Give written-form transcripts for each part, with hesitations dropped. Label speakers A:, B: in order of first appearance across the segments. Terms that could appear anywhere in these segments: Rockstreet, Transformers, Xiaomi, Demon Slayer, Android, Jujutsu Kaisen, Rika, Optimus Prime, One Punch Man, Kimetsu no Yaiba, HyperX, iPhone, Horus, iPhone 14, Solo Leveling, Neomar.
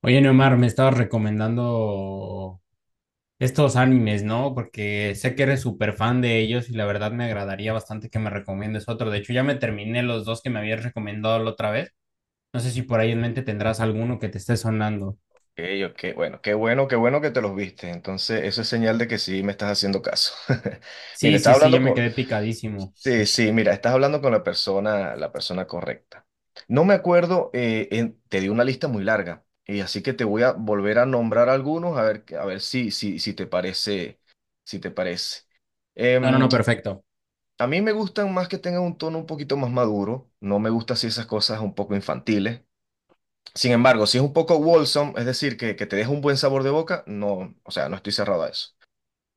A: Oye, Neomar, me estabas recomendando estos animes, ¿no? Porque sé que eres súper fan de ellos y la verdad me agradaría bastante que me recomiendes otro. De hecho, ya me terminé los dos que me habías recomendado la otra vez. No sé si por ahí en mente tendrás alguno que te esté sonando.
B: Ey, ok, bueno, qué bueno, qué bueno que te los viste. Entonces, eso es señal de que sí me estás haciendo caso. Mira,
A: Sí, sí,
B: estás
A: sí, ya
B: hablando
A: me
B: con...
A: quedé picadísimo.
B: Sí, sí, mira, estás hablando con la persona correcta. No me acuerdo, te di una lista muy larga, y así que te voy a volver a nombrar algunos a ver si te parece, si te parece.
A: No, no,
B: Em,
A: no, perfecto.
B: a mí me gustan más que tengan un tono un poquito más maduro. No me gustan así esas cosas un poco infantiles. Sin embargo, si es un poco wholesome, es decir, que te deja un buen sabor de boca, no, o sea, no estoy cerrado a eso.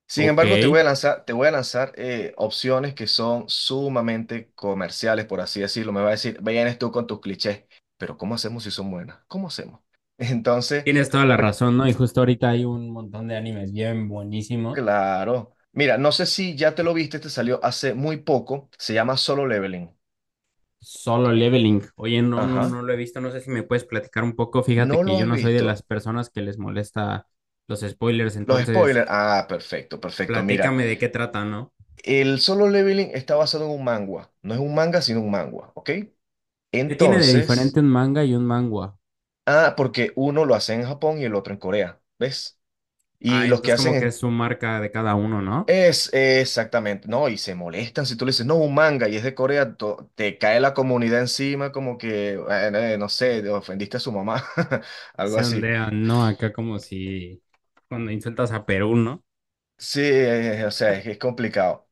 B: Sin
A: Ok.
B: embargo, te voy a lanzar, te voy a lanzar opciones que son sumamente comerciales, por así decirlo. Me va a decir, vienes tú con tus clichés, pero ¿cómo hacemos si son buenas? ¿Cómo hacemos? Entonces,
A: Tienes toda la
B: pr-
A: razón, ¿no? Y justo ahorita hay un montón de animes bien buenísimos.
B: claro. Mira, no sé si ya te lo viste, te salió hace muy poco. Se llama Solo Leveling.
A: Solo
B: Eh,
A: Leveling. Oye, no, no,
B: Ajá.
A: no lo he visto. No sé si me puedes platicar un poco. Fíjate
B: ¿No
A: que
B: lo
A: yo
B: has
A: no soy de las
B: visto?
A: personas que les molesta los spoilers,
B: Los
A: entonces
B: spoilers. Ah, perfecto, perfecto. Mira.
A: platícame de qué trata, ¿no?
B: El Solo Leveling está basado en un manga. No es un manga, sino un manga, ¿ok?
A: ¿Qué tiene de diferente
B: Entonces,
A: un manga y un mangua?
B: ah, porque uno lo hace en Japón y el otro en Corea, ¿ves?
A: Ah,
B: Y los que
A: entonces
B: hacen
A: como que es
B: en...
A: su marca de cada uno, ¿no?
B: Es exactamente, no, y se molestan si tú le dices, no, un manga y es de Corea, te cae la comunidad encima como que, bueno, no sé, ofendiste a su mamá, algo
A: Se
B: así.
A: ondean, ¿no? Acá como si cuando insultas a Perú, ¿no?
B: Sí, o sea, es complicado.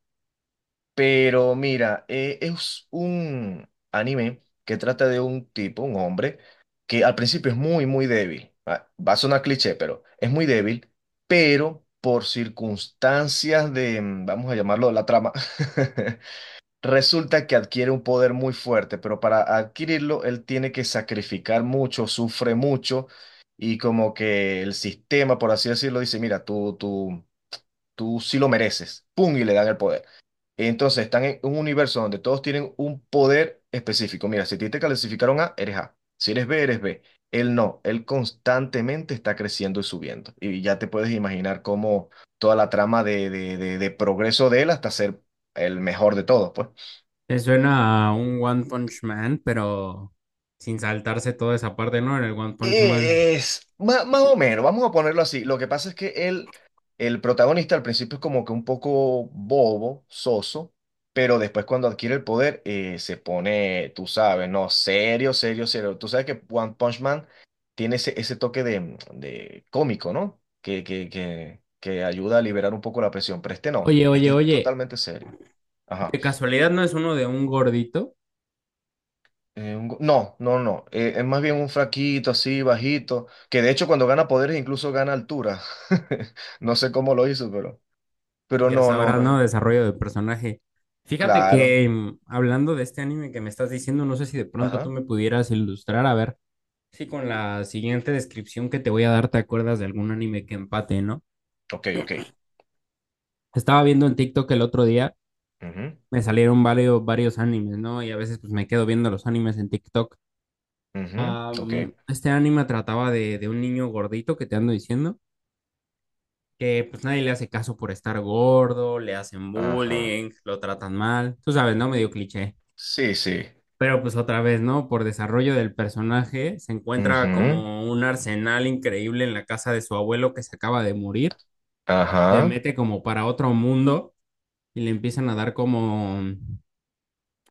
B: Pero mira, es un anime que trata de un tipo, un hombre, que al principio es muy, muy débil. Va a sonar cliché, pero es muy débil, pero por circunstancias de, vamos a llamarlo la trama, resulta que adquiere un poder muy fuerte, pero para adquirirlo él tiene que sacrificar mucho, sufre mucho, y como que el sistema, por así decirlo, dice, mira, tú sí lo mereces, ¡pum! Y le dan el poder. Entonces están en un universo donde todos tienen un poder específico. Mira, si a ti te clasificaron A, eres A. Si eres B, eres B. Él no, él constantemente está creciendo y subiendo. Y ya te puedes imaginar cómo toda la trama de, de progreso de él hasta ser el mejor de todos, pues.
A: Se suena a un One Punch Man, pero sin saltarse toda esa parte, ¿no? En el One Punch Man.
B: Es más o menos, vamos a ponerlo así. Lo que pasa es que él, el protagonista al principio es como que un poco bobo, soso, pero después cuando adquiere el poder se pone, tú sabes, no, serio, serio, serio. Tú sabes que One Punch Man tiene ese, ese toque de cómico, ¿no? Que ayuda a liberar un poco la presión, pero este no,
A: Oye, oye,
B: este es
A: oye,
B: totalmente serio. Ajá.
A: ¿de casualidad no es uno de un gordito?
B: Un no, no, no. Eh, es más bien un fraquito así, bajito, que de hecho cuando gana poderes incluso gana altura. No sé cómo lo hizo, pero
A: Ya
B: no, no,
A: sabrás, ¿no?
B: no.
A: Desarrollo de personaje. Fíjate
B: Claro.
A: que hablando de este anime que me estás diciendo, no sé si de pronto tú
B: Ajá.
A: me pudieras ilustrar, a ver si con la siguiente descripción que te voy a dar te acuerdas de algún anime que empate, ¿no?
B: Ok, ok.
A: Estaba viendo en TikTok el otro día,
B: Ujú,
A: me salieron varios, varios animes, ¿no? Y a veces pues me quedo viendo los animes en TikTok.
B: ujú,
A: Ah,
B: ok.
A: este anime trataba de un niño gordito que te ando diciendo, que pues nadie le hace caso por estar gordo, le hacen
B: Ajá.
A: bullying, lo tratan mal, tú sabes, ¿no? Medio cliché.
B: Sí, sí.
A: Pero pues otra vez, ¿no? Por desarrollo del personaje, se encuentra
B: Ujú,
A: como un arsenal increíble en la casa de su abuelo que se acaba de morir. Se
B: ajá.
A: mete como para otro mundo y le empiezan a dar como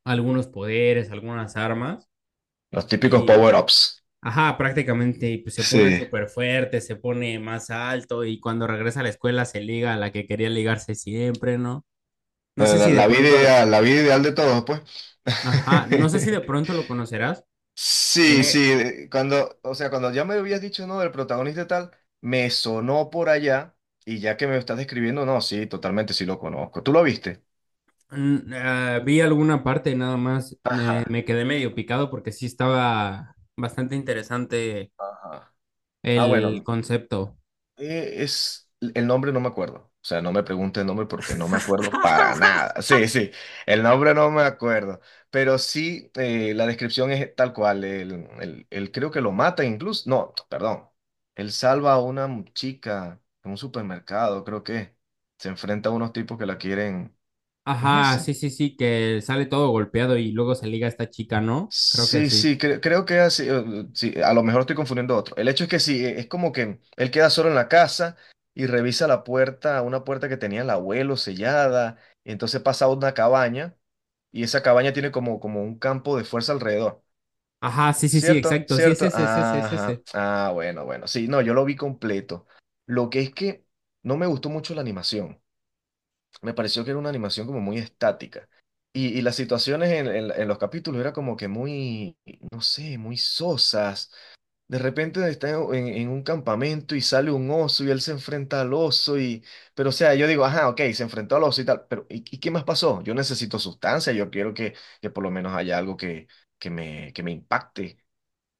A: algunos poderes, algunas armas.
B: Los típicos
A: Y,
B: power-ups.
A: ajá, prácticamente pues, se pone
B: Sí.
A: súper fuerte, se pone más alto y cuando regresa a la escuela se liga a la que quería ligarse siempre, ¿no? No sé
B: La,
A: si de pronto,
B: la vida ideal de todos, pues.
A: ajá, no sé si de pronto lo conocerás.
B: Sí, sí,
A: Tiene.
B: cuando, o sea, cuando ya me habías dicho, no, del protagonista y tal, me sonó por allá y ya que me lo estás describiendo, no, sí, totalmente sí lo conozco. ¿Tú lo viste?
A: Mm, ah, vi alguna parte nada más,
B: Ajá,
A: me quedé medio picado porque sí estaba bastante interesante
B: ajá. Ah,
A: el
B: bueno,
A: concepto.
B: eh, es el nombre no me acuerdo. O sea, no me pregunte el nombre porque no me acuerdo para nada. Sí, sí, el nombre no me acuerdo. Pero sí, la descripción es tal cual. Él, él creo que lo mata incluso. No, perdón. Él salva a una chica en un supermercado, creo que. Se enfrenta a unos tipos que la quieren. ¿Es
A: Ajá, sí,
B: ese?
A: sí, sí, que sale todo golpeado y luego se liga a esta chica, ¿no? Creo que
B: Sí,
A: sí.
B: sí, creo que así, sí, a lo mejor estoy confundiendo otro. El hecho es que sí, es como que él queda solo en la casa y revisa la puerta, una puerta que tenía el abuelo sellada, y entonces pasa a una cabaña y esa cabaña tiene como, como un campo de fuerza alrededor.
A: Ajá, sí, sí, sí,
B: ¿Cierto?
A: exacto, sí, es
B: ¿Cierto?
A: ese, es ese, es
B: Ajá.
A: ese.
B: Ah, bueno, bueno. Sí, no, yo lo vi completo. Lo que es que no me gustó mucho la animación, me pareció que era una animación como muy estática. Y las situaciones en, en los capítulos era como que muy, no sé, muy sosas. De repente está en, en un campamento y sale un oso y él se enfrenta al oso y... Pero o sea, yo digo, ajá, ok, se enfrentó al oso y tal, pero y qué más pasó? Yo necesito sustancia, yo quiero que por lo menos haya algo que, que me impacte,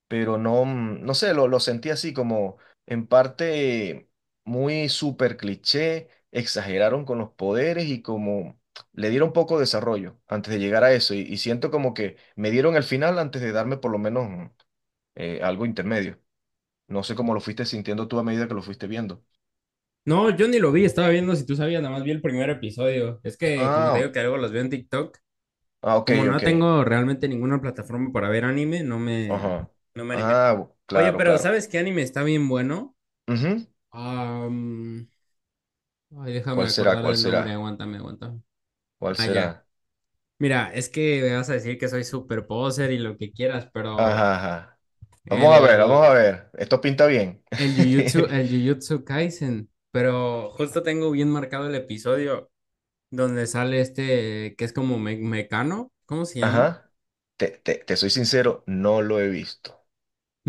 B: pero no, mm, no sé, lo sentí así como en parte muy súper cliché, exageraron con los poderes y como le dieron poco desarrollo antes de llegar a eso y siento como que me dieron el final antes de darme por lo menos mm, algo intermedio. No sé cómo lo fuiste sintiendo tú a medida que lo fuiste viendo.
A: No, yo ni lo vi, estaba viendo si tú sabías, nada más vi el primer episodio. Es que, como te
B: Ah,
A: digo que luego los veo en TikTok,
B: ah, ok,
A: como no
B: ok.
A: tengo realmente ninguna plataforma para ver anime,
B: Ajá.
A: no me animé.
B: Ah,
A: Oye,
B: claro,
A: pero
B: claro.
A: ¿sabes qué anime está bien bueno?
B: Ujú.
A: Am, ay, déjame
B: ¿Cuál será?
A: acordar
B: ¿Cuál
A: del nombre,
B: será?
A: aguántame, aguántame.
B: ¿Cuál
A: Ah, ya.
B: será?
A: Mira, es que me vas a decir que soy super poser y lo que quieras, pero
B: Ajá, ajá. Vamos a ver, vamos
A: el,
B: a ver. Esto pinta bien.
A: el Jujutsu Kaisen, pero justo tengo bien marcado el episodio donde sale este que es como Mecano, ¿cómo se llama?
B: Ajá. Te, te soy sincero, no lo he visto.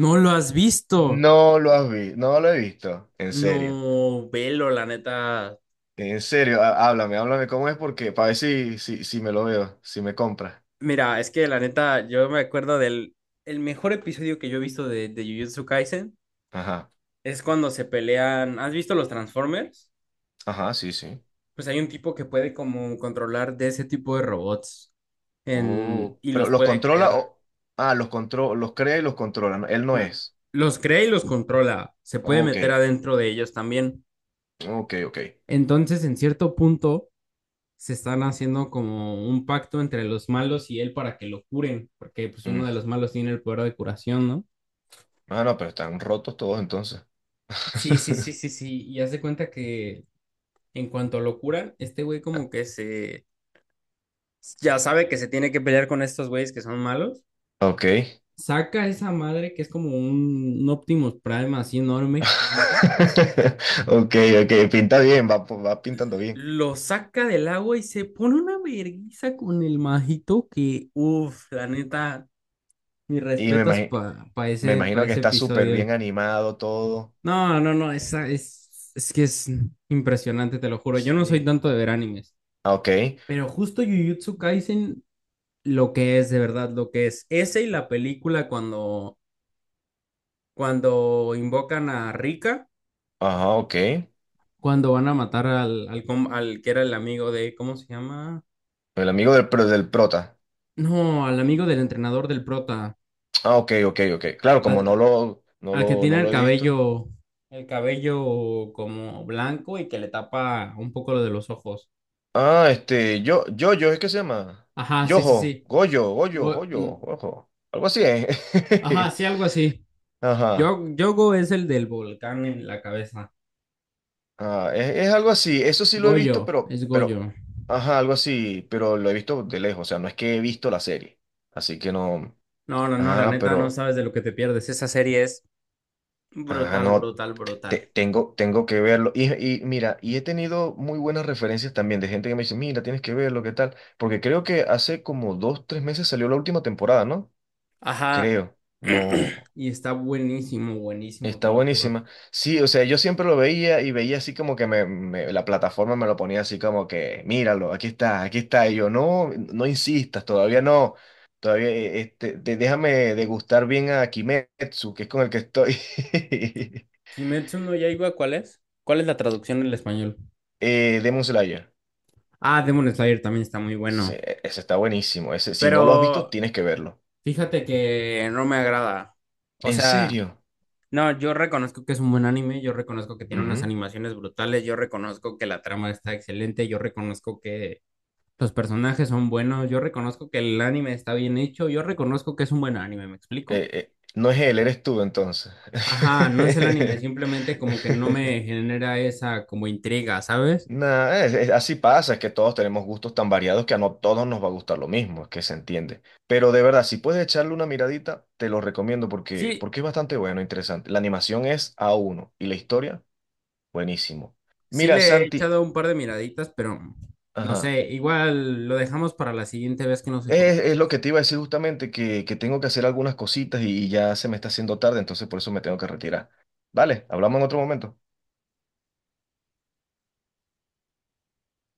A: No lo has visto.
B: No lo has visto, no lo he visto. En serio.
A: No, velo, la neta.
B: En serio, háblame, háblame cómo es porque para ver si, si, si me lo veo, si me compra.
A: Mira, es que la neta, yo me acuerdo del el mejor episodio que yo he visto de Jujutsu Kaisen.
B: Ajá.
A: Es cuando se pelean. ¿Has visto los Transformers?
B: Ajá, sí, sí.
A: Pues hay un tipo que puede como controlar de ese tipo de robots en...
B: Oh,
A: y
B: pero
A: los
B: los
A: puede
B: controla
A: crear.
B: o... Ah, los controla, los crea y los controla. Él no
A: L-
B: es.
A: Los crea y los controla. Se puede
B: Ok,
A: meter adentro de ellos también.
B: ok, ok.
A: Entonces, en cierto punto, se están haciendo como un pacto entre los malos y él para que lo curen, porque pues uno
B: Mm.
A: de los malos tiene el poder de curación, ¿no?
B: Ah, no, pero están rotos todos entonces.
A: Sí, sí, sí, sí, sí. Y haz de cuenta que en cuanto lo curan, este güey como que se, ya sabe que se tiene que pelear con estos güeyes que son malos.
B: Ok.
A: Saca esa madre que es como un Optimus Prime así enorme, gigante.
B: Ok, ok, pinta bien, va, va pintando bien.
A: Lo saca del agua y se pone una verguiza con el majito que, uff, la neta, mis
B: Y
A: respetos para
B: me
A: ese, pa
B: imagino que
A: ese
B: está súper
A: episodio.
B: bien animado todo.
A: No, no, no, esa es que es impresionante, te lo juro. Yo no soy
B: Sí.
A: tanto de ver animes,
B: Ah, ok,
A: pero justo Jujutsu Kaisen, lo que es, de verdad, lo que es. Ese y la película cuando invocan a Rika,
B: ajá, ok. El
A: cuando van a matar al, al, al que era el amigo de, ¿cómo se llama?
B: amigo del, del prota.
A: No, al amigo del entrenador del prota,
B: Ah, ok, ok, ok. Claro, como
A: al,
B: no lo, no
A: al que
B: lo,
A: tiene
B: no lo he visto.
A: el cabello como blanco y que le tapa un poco lo de los ojos.
B: Ah, este, yo, ¿es que se llama?
A: Ajá, sí, sí,
B: Yojo,
A: sí.
B: Goyo, Goyo,
A: Go-
B: Goyo,
A: mm,
B: Ojo. Algo así, ¿eh?
A: ajá, sí, algo así.
B: Ajá.
A: Yo, Yogo es el del volcán en la cabeza.
B: Ah, es algo así, eso sí lo he visto,
A: Goyo, es
B: pero,
A: Goyo.
B: ajá, algo así, pero lo he visto de lejos, o sea, no es que he visto la serie, así que no,
A: No, no, no, la
B: ah,
A: neta, no
B: pero,
A: sabes de lo que te pierdes. Esa serie es
B: ah,
A: brutal,
B: no,
A: brutal, brutal.
B: tengo, tengo que verlo, y mira, y he tenido muy buenas referencias también de gente que me dice, mira, tienes que verlo, ¿qué tal? Porque creo que hace como dos, tres meses salió la última temporada, ¿no?
A: Ajá,
B: Creo, no.
A: y está buenísimo, buenísimo, te
B: Está
A: lo juro.
B: buenísima. Sí, o sea, yo siempre lo veía y veía así como que me, la plataforma me lo ponía así como que, míralo, aquí está, aquí está. Y yo, no, no insistas, todavía no. Todavía, este, déjame degustar bien a Kimetsu, que es con el que estoy.
A: Kimetsu no Yaiba, ¿cuál es? ¿Cuál es la traducción en español?
B: Eh, Demon Slayer.
A: Ah, Demon Slayer también está muy
B: Sí,
A: bueno,
B: e, ese está buenísimo. Ese, si no lo has visto,
A: pero
B: tienes que verlo.
A: fíjate que no me agrada. O
B: ¿En
A: sea,
B: serio?
A: no, yo reconozco que es un buen anime, yo reconozco que tiene unas
B: Ujú.
A: animaciones brutales, yo reconozco que la trama está excelente, yo reconozco que los personajes son buenos, yo reconozco que el anime está bien hecho, yo reconozco que es un buen anime, ¿me explico?
B: No es él, eres tú entonces.
A: Ajá, no es el anime, simplemente como que no me genera esa como intriga, ¿sabes?
B: Nah, así pasa, es que todos tenemos gustos tan variados que a no todos nos va a gustar lo mismo, es que se entiende. Pero de verdad, si puedes echarle una miradita, te lo recomiendo porque,
A: Sí,
B: porque es bastante bueno, interesante. La animación es a uno y la historia, buenísimo.
A: sí
B: Mira,
A: le he
B: Santi,
A: echado un par de miraditas, pero no
B: ajá,
A: sé, igual lo dejamos para la siguiente vez que nos encontremos.
B: es lo que te iba a decir justamente, que tengo que hacer algunas cositas y ya se me está haciendo tarde, entonces por eso me tengo que retirar. Vale, hablamos en otro momento.